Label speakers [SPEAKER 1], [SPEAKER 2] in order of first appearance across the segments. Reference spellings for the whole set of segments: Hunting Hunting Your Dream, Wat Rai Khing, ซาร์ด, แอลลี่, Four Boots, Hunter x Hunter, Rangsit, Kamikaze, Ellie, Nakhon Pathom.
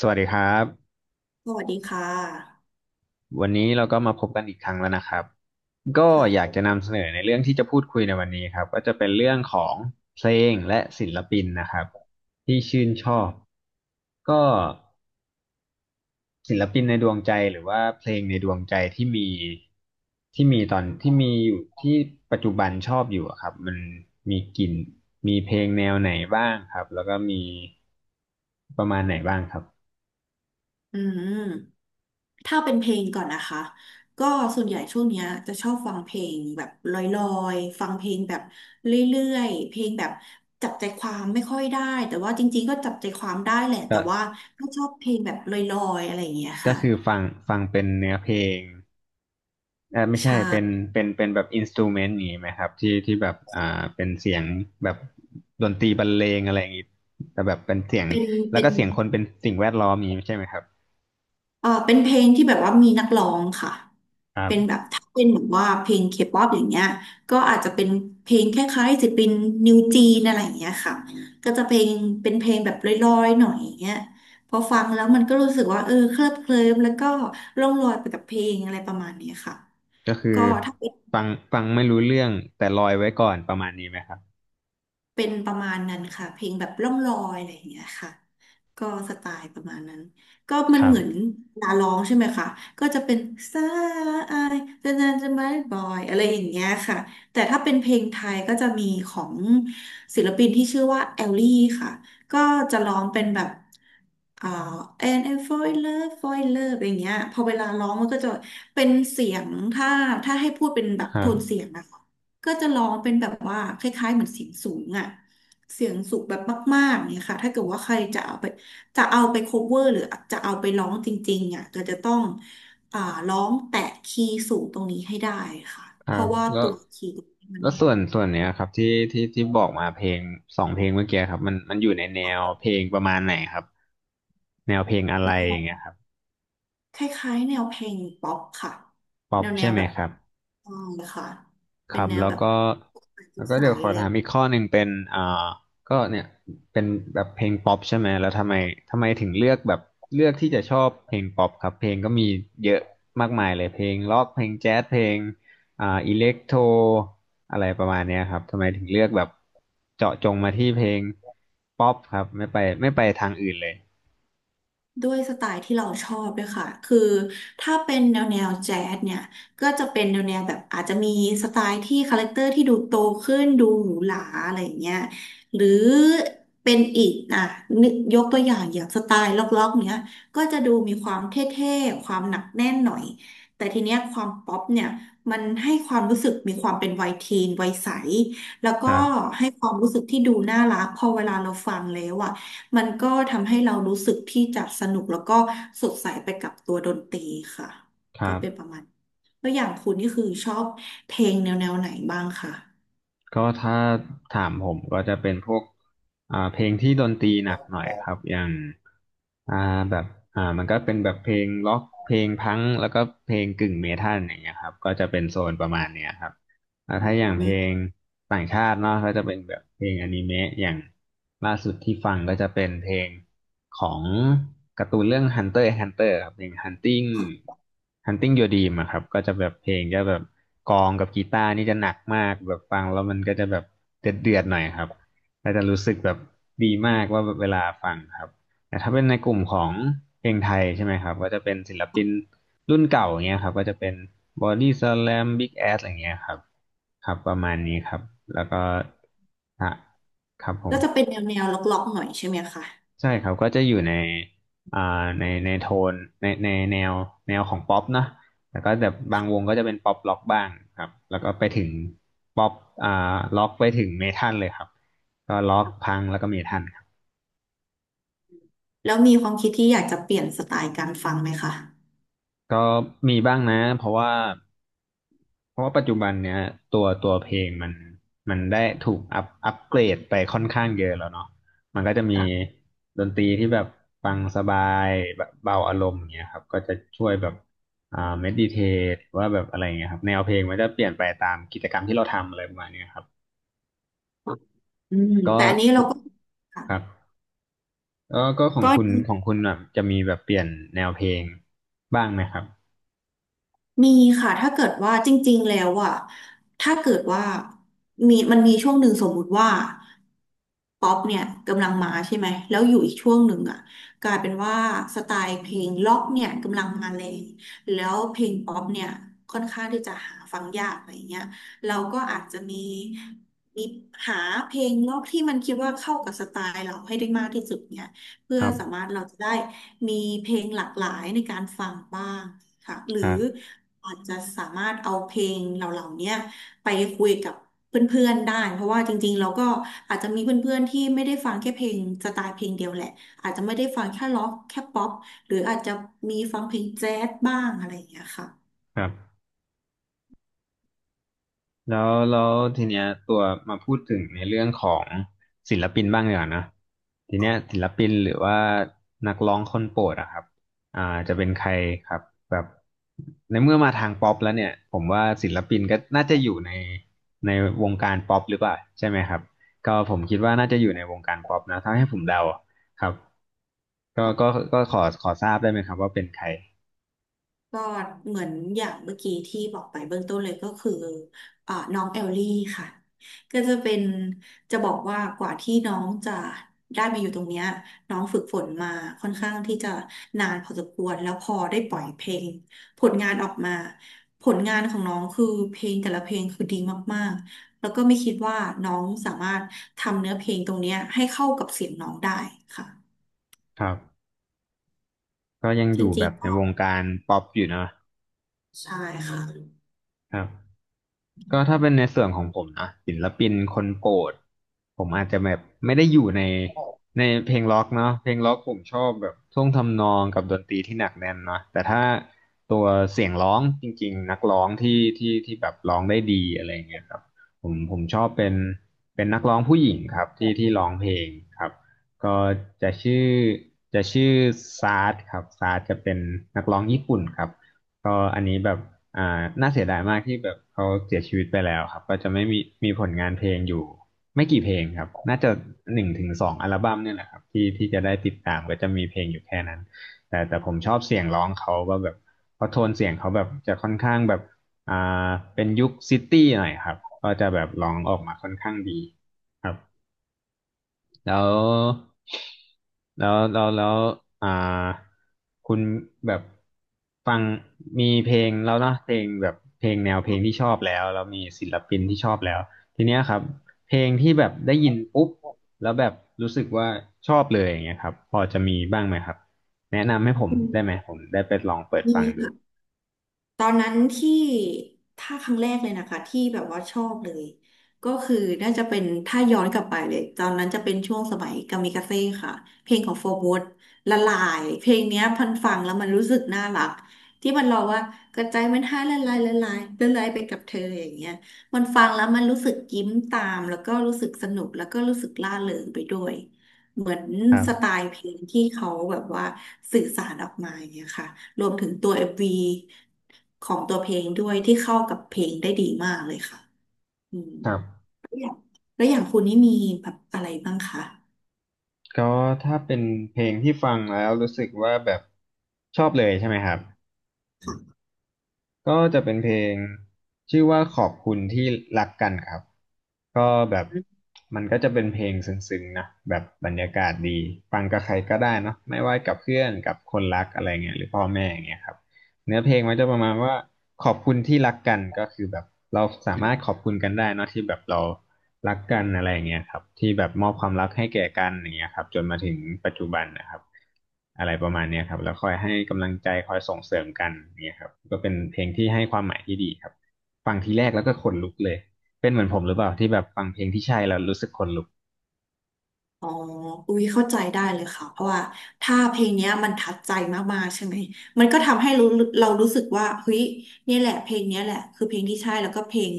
[SPEAKER 1] สวัสดีครับ
[SPEAKER 2] สวัสดีค่ะ
[SPEAKER 1] วันนี้เราก็มาพบกันอีกครั้งแล้วนะครับก็
[SPEAKER 2] ค่ะ
[SPEAKER 1] อยากจะนำเสนอในเรื่องที่จะพูดคุยในวันนี้ครับก็จะเป็นเรื่องของเพลงและศิลปินนะครับที่ชื่นชอบก็ศิลปินในดวงใจหรือว่าเพลงในดวงใจที่มีตอนที่มีอยู่ที่ปัจจุบันชอบอยู่อะครับมันมีกลิ่นมีเพลงแนวไหนบ้างครับแล้วก็มีประมาณไหนบ้างครับ
[SPEAKER 2] อืมถ้าเป็นเพลงก่อนนะคะก็ส่วนใหญ่ช่วงเนี้ยจะชอบฟังเพลงแบบลอยๆฟังเพลงแบบเรื่อยๆเพลงแบบจับใจความไม่ค่อยได้แต่ว่าจริงๆก็จับใจความได้แหละแต่ว่าก็ชอบเพลงแบบลอยๆอะไรอย่างเงี้ย
[SPEAKER 1] ก็
[SPEAKER 2] ค่ะ
[SPEAKER 1] คือฟังเป็นเนื้อเพลง ไม่ใช่
[SPEAKER 2] ใช่
[SPEAKER 1] เป็นเป็นแบบอินสตูเมนต์นี้ไหมครับที่แบบเป็นเสียงแบบดนตรีบรรเลงอะไรอย่างนี้แต่แบบเป็นเสียง
[SPEAKER 2] เป็น
[SPEAKER 1] แล้ว
[SPEAKER 2] เป็
[SPEAKER 1] ก็
[SPEAKER 2] น
[SPEAKER 1] เสียงคนเป็นสิ่งแวดล้อมอย่างนี้ใช่ไหมครับ
[SPEAKER 2] เออเป็นเพลงที่แบบว่ามีนักร้องค่ะ
[SPEAKER 1] ครั
[SPEAKER 2] เป็นแบบ
[SPEAKER 1] บ
[SPEAKER 2] ถ้าเป็นแบบว่าเพลงเคป๊อปอย่างเงี้ยก็อาจจะเป็นเพลงคล้ายๆศิลปินนิวจีนอะไรอย่างเงี้ยค่ะก็จะเพลงเป็นเพลงแบบลอยๆหน่อยอย่างเงี้ยพอฟังแล้วมันก็รู้สึกว่าเออเคลิบเคลิ้มแล้วก็ร่องลอยไปกับเพลงอะไรประมาณเนี้ยค่ะ
[SPEAKER 1] ก็คือ
[SPEAKER 2] ก็ถ้าเป็น
[SPEAKER 1] ฟังฟังไม่รู้เรื่องแต่ลอยไว้ก่อนประมาณนี้ไหมครับ
[SPEAKER 2] เป็นประมาณนั้นค่ะเพลงแบบล่องลอยอะไรอย่างเงี้ยค่ะ ก็สไตล์ประมาณนั้นก็มั
[SPEAKER 1] ค
[SPEAKER 2] น
[SPEAKER 1] รั
[SPEAKER 2] เห
[SPEAKER 1] บ
[SPEAKER 2] มือนลาร้องใช่ไหมคะก็จะเป็นสายจะนานจะไม่บอยอะไรอย่างเงี้ยค่ะแต่ถ้าเป็นเพลงไทยก็จะมีของศิลปินที่ชื่อว่าแอลลี่ค่ะก็จะร้องเป็นแบบอ่า and I fall in love fall in love อะไรอย่างเงี้ยพอเวลาร้องมันก็จะเป็นเสียงถ้าให้พูดเป็นแบบ
[SPEAKER 1] ครั
[SPEAKER 2] โทนเสี
[SPEAKER 1] บ
[SPEAKER 2] ยงนะคะ ก็จะร้องเป็นแบบว่าคล้ายๆเหมือนเสียงสูงอะเสียงสูงแบบมากๆเนี่ยค่ะถ้าเกิดว่าใครจะเอาไปจะเอาไป cover หรือจะเอาไปร้องจริงๆอ่ะก็จะต้องอ่าร้องแตะคีย์สูงตรงนี้ให้ได้ค่ะ
[SPEAKER 1] ครั
[SPEAKER 2] เพราะ
[SPEAKER 1] บ
[SPEAKER 2] ว่า
[SPEAKER 1] แล้ว
[SPEAKER 2] ตัวคีย์ตรงนี้มั
[SPEAKER 1] แล้
[SPEAKER 2] น
[SPEAKER 1] วส่วนเนี้ยครับที่บอกมาเพลงสองเพลงเมื่อกี้ครับมันอยู่ในแน
[SPEAKER 2] ออ
[SPEAKER 1] ว
[SPEAKER 2] ก
[SPEAKER 1] เพลงประมาณไหนครับแนวเพลงอะไร
[SPEAKER 2] แล้
[SPEAKER 1] อย่าง
[SPEAKER 2] ว
[SPEAKER 1] เงี้ยครับ
[SPEAKER 2] คล้ายๆแนวเพลงป๊อปค่ะ
[SPEAKER 1] ป๊อ
[SPEAKER 2] แน
[SPEAKER 1] ป
[SPEAKER 2] วแน
[SPEAKER 1] ใช่
[SPEAKER 2] ว
[SPEAKER 1] ไหม
[SPEAKER 2] แบบ
[SPEAKER 1] ครับ
[SPEAKER 2] อ่าค่ะ
[SPEAKER 1] ค
[SPEAKER 2] เป็
[SPEAKER 1] รั
[SPEAKER 2] น
[SPEAKER 1] บ
[SPEAKER 2] แนว
[SPEAKER 1] แล้ว
[SPEAKER 2] แบบ
[SPEAKER 1] ก็แล้วก็
[SPEAKER 2] ใส
[SPEAKER 1] เดี๋ยวขอ
[SPEAKER 2] ๆเล
[SPEAKER 1] ถา
[SPEAKER 2] ย
[SPEAKER 1] มอีกข้อหนึ่งเป็นก็เนี่ยเป็นแบบเพลงป๊อปใช่ไหมแล้วทำไมถึงเลือกแบบเลือกที่จะชอบเพลงป๊อปครับเพลงก็มีเยอะมากมายเลยเพลงร็อกเพลงแจ๊สเพลงอิเล็กโทรอะไรประมาณเนี้ยครับทำไมถึงเลือกแบบเจาะจงมาที่เพลงป๊อปครับไม่ไปทางอื่นเลย
[SPEAKER 2] ด้วยสไตล์ที่เราชอบด้วยค่ะคือถ้าเป็นแนวแนวแจ๊สเนี่ยก็จะเป็นแนวแนวแบบอาจจะมีสไตล์ที่คาแรคเตอร์ที่ดูโตขึ้นดูหรูหราอะไรอย่างเงี้ยหรือเป็นอีกอ่ะนึกยกตัวอย่างอย่างสไตล์ล็อกๆเนี้ยก็จะดูมีความเท่ๆความหนักแน่นหน่อยแต่ทีเนี้ยความป๊อปเนี่ยมันให้ความรู้สึกมีความเป็นวัยทีนวัยใสแล้ว
[SPEAKER 1] ค
[SPEAKER 2] ก็
[SPEAKER 1] รับ
[SPEAKER 2] ให้ความรู้สึกที่ดูน่ารักพอเวลาเราฟังแล้วอะ มันก็ทำให้เรารู้สึกที่จะสนุกแล้วก็สดใสไปกับตัวดนตรีค่ะ
[SPEAKER 1] ครั
[SPEAKER 2] ก็เป็นประ
[SPEAKER 1] บ
[SPEAKER 2] มาณแล้วอย่างคุณนี่คือชอบเพลงแนวแนวไหนบ้างคะ
[SPEAKER 1] ก็ถ้าถามผมก็จะเป็นพวกเพลงที่ดนตรีหนักหน่อยครับอย่าง อ่าแบบมันก็เป็นแบบเพลงล็อกเพลงพังก์แล้วก็เพลงกึ่งเมทัลอย่างเงี้ยครับก็จะเป็นโซนประมาณเนี้ยครับแล้ว
[SPEAKER 2] อื
[SPEAKER 1] ถ้าอย่าง
[SPEAKER 2] ม
[SPEAKER 1] เพลงต่างชาติเนาะก็จะเป็นแบบเพลงอนิเมะอย่างล่าสุดที่ฟังก็จะเป็นเพลงของการ์ตูนเรื่อง Hunter x Hunter ครับเพลง Hunting Your Dream อะครับก็จะแบบเพลงจะแบบกลองกับกีตาร์นี่จะหนักมากแบบฟังแล้วมันก็จะแบบเดือดๆหน่อยครับก็จะรู้สึกแบบดีมากว่าแบบเวลาฟังครับ แต่ถ้าเป็นในกลุ่มของเพลงไทยใช่ไหมครับก็จะเป็นศิลปินรุ่นเก่าอย่างเงี้ยครับก็จะเป็นบอดี้สแลมบิ๊กแอสอะไรเงี้ยครับครับประมาณนี้ครับแล้วก็อ่ะครับผม
[SPEAKER 2] ก็จะเป็นแนวแนวล็อกๆหน่อยใช่ไหมคะ
[SPEAKER 1] ใช่ครับก็จะอยู่ในอ่าในในโทนในในแนวแนวของป๊อปนะแล้วก็แบบบางวงก็จะเป็นป๊อปล็อกบ้างครับแล้วก็ไปถึงป๊อปอ่าล็อกไปถึงเมทัลเลยครับก็ล็อกพังแล้วก็เมทัลครับ
[SPEAKER 2] แล้วมีความคิดที่อยากจะเปลี่ยนสไตล์การฟังไหมคะ
[SPEAKER 1] ก็มีบ้างนะเพราะว่าปัจจุบันเนี้ยตัวเพลงมันได้ถูกอัพอัปเกรดไปค่อนข้างเยอะแล้วเนาะมันก็จะมีดนตรีที่แบบฟังสบายแบบเบาอารมณ์อย่างเงี้ยครับก็จะช่วยแบบเมดิเททว่าแบบอะไรเงี้ยครับแนวเพลงมันจะเปลี่ยนไปตามกิจกรรมที่เราทำอะไรประมาณเนี้ยครับ
[SPEAKER 2] อืม
[SPEAKER 1] ก็
[SPEAKER 2] แต่อันนี้เราก็ค่ะ
[SPEAKER 1] ครับก็ก็ของ
[SPEAKER 2] ก็
[SPEAKER 1] คุณ
[SPEAKER 2] ดี
[SPEAKER 1] ของคุณแบบจะมีแบบเปลี่ยนแนวเพลงบ้างไหมครับ
[SPEAKER 2] มีค่ะถ้าเกิดว่าจริงๆแล้วอะถ้าเกิดว่ามีมันมีช่วงหนึ่งสมมุติว่าป๊อปเนี่ยกำลังมาใช่ไหมแล้วอยู่อีกช่วงหนึ่งอะกลายเป็นว่าสไตล์เพลงล็อกเนี่ยกำลังมาแรงแล้วเพลงป๊อปเนี่ยค่อนข้างที่จะหาฟังยากอะไรอย่างเงี้ยเราก็อาจจะมีหาเพลงล็อกที่มันคิดว่าเข้ากับสไตล์เราให้ได้มากที่สุดเนี่ย เพื่
[SPEAKER 1] ค
[SPEAKER 2] อ
[SPEAKER 1] รับ
[SPEAKER 2] สามารถเราจะได้มีเพลงหลากหลายในการฟังบ้างค่ะหรื
[SPEAKER 1] ค
[SPEAKER 2] อ
[SPEAKER 1] รับ
[SPEAKER 2] อาจจะสามารถเอาเพลงเหล่าๆเนี้ยไปคุยกับเพื่อนๆได้เพราะว่าจริงๆเราก็อาจจะมีเพื่อนๆที่ไม่ได้ฟังแค่เพลงสไตล์เพลงเดียวแหละอาจจะไม่ได้ฟังแค่ร็อกแค่ป๊อปหรืออาจจะมีฟังเพลงแจ๊สบ้างอะไรอย่างเงี้ยค่ะ
[SPEAKER 1] ครับ แล้วทีเนี้ยตัวมาพูดถึงในเรื่องของศิลปินบ้างดีกว่านะทีเนี้ยศิลปินหรือว่านักร้องคนโปรดอะครับอ่าจะเป็นใครครับแบบในเมื่อมาทางป๊อปแล้วเนี่ยผมว่าศิลปินก็น่าจะอยู่ในในวงการป๊อปหรือเปล่าใช่ไหมครับก็ผมคิดว่าน่าจะอยู่ในวงการป๊อปนะถ้าให้ผมเดาครับก็ก็ก็ขอทราบได้ไหมครับว่าเป็นใคร
[SPEAKER 2] ก็เหมือนอย่างเมื่อกี้ที่บอกไปเบื้องต้นเลยก็คือน้องเอลลี่ค่ะก็จะเป็นจะบอกว่ากว่าที่น้องจะได้มาอยู่ตรงเนี้ยน้องฝึกฝนมาค่อนข้างที่จะนานพอสมควรแล้วพอได้ปล่อยเพลงผลงานออกมาผลงานของน้องคือเพลงแต่ละเพลงคือดีมากๆแล้วก็ไม่คิดว่าน้องสามารถทำเนื้อเพลงตรงเนี้ยให้เข้ากับเสียงน้องได้ค่ะ
[SPEAKER 1] ครับก็ยัง
[SPEAKER 2] จ
[SPEAKER 1] อยู่แบ
[SPEAKER 2] ริง
[SPEAKER 1] บ
[SPEAKER 2] ๆ
[SPEAKER 1] ใน
[SPEAKER 2] ก็
[SPEAKER 1] วงการป๊อปอยู่เนอะ
[SPEAKER 2] ใช่ค่ะ
[SPEAKER 1] ครับ ก็ถ้าเป็นในส่วนของผมนะศิลปินคนโปรดผมอาจจะแบบไม่ได้อยู่ในในเพลงล็อกเนาะเพลงล็อกผมชอบแบบท่วงทำนองกับดนตรีที่หนักแน่นเนาะแต่ถ้าตัวเสียงร้องจริงๆนักร้องที่แบบร้องได้ดีอะไรเงี้ยครับผมชอบเป็นนักร้องผู้หญิงครับที่ร้องเพลงครับก็จะชื่อจะชื่อซาร์ดครับซาร์ดจะเป็นนักร้องญี่ปุ่นครับก็อันนี้แบบ อ่าน่าเสียดายมากที่แบบเขาเสียชีวิตไปแล้วครับก็จะไม่มีผลงานเพลงอยู่ไม่กี่เพลงครับน่าจะ1 ถึง 2อัลบั้มเนี่ยแหละครับที่จะได้ติดตามก็จะมีเพลงอยู่แค่นั้นแต่ผมชอบเสียงร้องเขาว่าแบบเพราะโทนเสียงเขาแบบจะค่อนข้างแบบอ่าเป็นยุคซิตี้หน่อยครับก็จะแบบร้องออกมาค่อนข้างดีครับ แล้วแล้วอ่าคุณแบบฟังมีเพลงแล้วเนอะเพลงแบบเพลงแนวเพลงที่ชอบแล้วมีศิลปินที่ชอบแล้วทีเนี้ยครับเพลงที่แบบได้ยินปุ๊บแล้วแบบรู้สึกว่าชอบเลยอย่างเงี้ยครับพอจะมีบ้างไหมครับแนะนำให้ผม
[SPEAKER 2] อืม
[SPEAKER 1] ได้ไหมผมได้ไปลองเปิด
[SPEAKER 2] มี
[SPEAKER 1] ฟังดู
[SPEAKER 2] ค่ะ ตอนนั้นที่ถ้าครั้งแรกเลยนะคะที่แบบว่าชอบเลยก็คือน่าจะเป็นถ้าย้อนกลับไปเลยตอนนั้นจะเป็นช่วงสมัยกามิกาเซ่ค่ะเพลงของโฟร์บูทละลายเพลงเนี้ยพันฟังแล้วมันรู้สึกน่ารักที่มันร้องว่ากระจายมันให้ละลายละลายละลายไปกับเธออย่างเงี้ยมันฟังแล้วมันรู้สึกยิ้มตามแล้วก็รู้สึกสนุกแล้วก็รู้สึกร่าเริงไปด้วย เหมือน
[SPEAKER 1] ครั
[SPEAKER 2] สไต
[SPEAKER 1] บ
[SPEAKER 2] ล์เพลงที่เขาแบบว่าสื่อสารออกมาอย่างเงี้ยค่ะรวมถึงตัวเอ็มว v ของตัวเพลงด้วยที่เข้ากับเพลงได้ดีมากเลยค่ะอืม
[SPEAKER 1] ครับ
[SPEAKER 2] แล้วอย่างแล้วอย่างคุณนี่มีแบบอะไรบ้างคะ
[SPEAKER 1] ก็ถ้าเป็นเพลงที่ฟังแล้วรู้สึกว่าแบบชอบเลยใช่ไหมครับ ก็จะเป็นเพลงชื่อว่าขอบคุณที่รักกันครับก็แบบมันก็จะเป็นเพลงซึ้งๆนะแบบบรรยากาศดีฟังกับใครก็ได้เนาะไม่ว่ากับเพื่อนกับคนรักอะไรเงี้ยหรือพ่อแม่อย่างเงี้ยครับ เนื้อเพลงมันจะประมาณว่าขอบคุณที่รักกันก็คือแบบเราสามารถขอบคุณกันได้เนอะที่แบบเรารักกันอะไรอย่างเงี้ยครับที่แบบมอบความรักให้แก่กันอย่างเงี้ยครับจนมาถึงปัจจุบันนะครับอะไรประมาณเนี้ยครับแล้วคอยให้กำลังใจคอยส่งเสริมกันอย่างเงี้ยครับก็เป็นเพลงที่ให้ความหมายที่ดีครับฟังทีแรกแล้วก็ขนลุกเลยเป็นเหมือนผมหรือเปล่าที่แบบฟังเพลงที่ใช่แล้วรู้สึกขนลุก
[SPEAKER 2] อ๋ออุ้ยเข้าใจได้เลยค่ะ เพราะว่าถ้าเพลงเนี้ยมันทัดใจมากๆใช่ไหม มันก็ทำให้รู้เรารู้สึกว่าเฮ้ยเนี่ยแหละเพลงเนี้ยแหละคือเพลงที่ใช่แล้วก็เพลง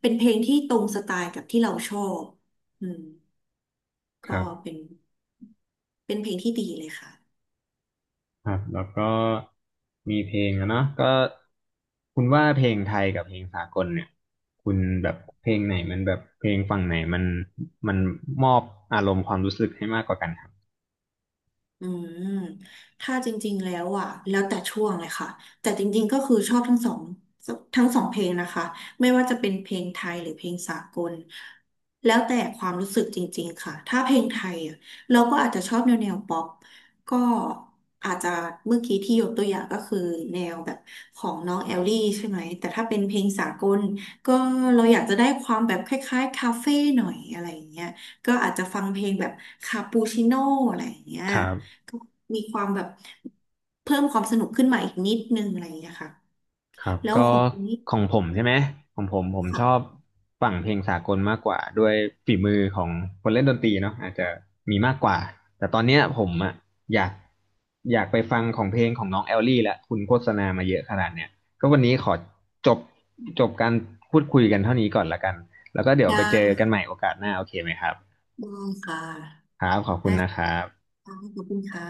[SPEAKER 2] เป็นเพลงที่ตรงสไตล์กับที่เราชอบอืม
[SPEAKER 1] ค
[SPEAKER 2] ก็
[SPEAKER 1] รับ
[SPEAKER 2] เป็น เป็นเพลงที่ดีเลยค่ะ
[SPEAKER 1] ครับแล้วก็มีเพลงอะเนาะก็คุณว่าเพลงไทยกับเพลงสากลเนี่ยคุณแบบเพลงไหนมันแบบเพลงฝั่งไหนมันมอบอารมณ์ความรู้สึกให้มากกว่ากันครับ
[SPEAKER 2] อืมถ้าจริงๆแล้วอ่ะแล้วแต่ช่วงเลยค่ะ แต่จริงๆก็คือชอบทั้งสองเพลงนะคะไม่ว่าจะเป็นเพลงไทยหรือเพลงสากลแล้วแต่ความรู้สึกจริงๆค่ะถ้าเพลงไทยอ่ะเราก็อาจจะชอบแนวแนวป๊อปก็อาจจะเมื่อกี้ที่ยกตัวอย่างก็คือแนวแบบของน้องแอลลี่ใช่ไหม แต่ถ้าเป็นเพลงสากลก็เราอยากจะได้ความแบบคล้ายๆคาเฟ่หน่อยอะไรอย่างเงี้ยก็อาจจะฟังเพลงแบบคาปูชิโน่อะไรอย่างเงี้ย
[SPEAKER 1] ครับ
[SPEAKER 2] มีความแบบเพิ่มความสนุกขึ้นมาอีกนิดนึงอะไรอย่างเงี้ยค่ะ
[SPEAKER 1] ครับ
[SPEAKER 2] แล้ว
[SPEAKER 1] ก็
[SPEAKER 2] ของคุณนี่
[SPEAKER 1] ของผมใช่ไหมของผมผมชอบ
[SPEAKER 2] ค่ะ
[SPEAKER 1] ฝั่งเพลงสากลมากกว่าด้วยฝีมือของคนเล่นดนตรีเนาะอาจจะมีมากกว่าแต่ตอนเนี้ยผมอะอยากอยากไปฟังของเพลงของน้องแอลลี่ละคุณโฆษณามาเยอะขนาดเนี้ยก็วันนี้ขอจบจบการพูดคุยกันเท่านี้ก่อนละกันแล้วก็เดี๋ยว
[SPEAKER 2] ได้
[SPEAKER 1] ไปเจอกันใหม่โอกาสหน้าโอเคไหมครับ
[SPEAKER 2] ได้ค่ะ
[SPEAKER 1] ครับขอบคุ
[SPEAKER 2] ได้
[SPEAKER 1] ณนะ
[SPEAKER 2] ค
[SPEAKER 1] ครับ
[SPEAKER 2] ่ะขอบคุณค่ะ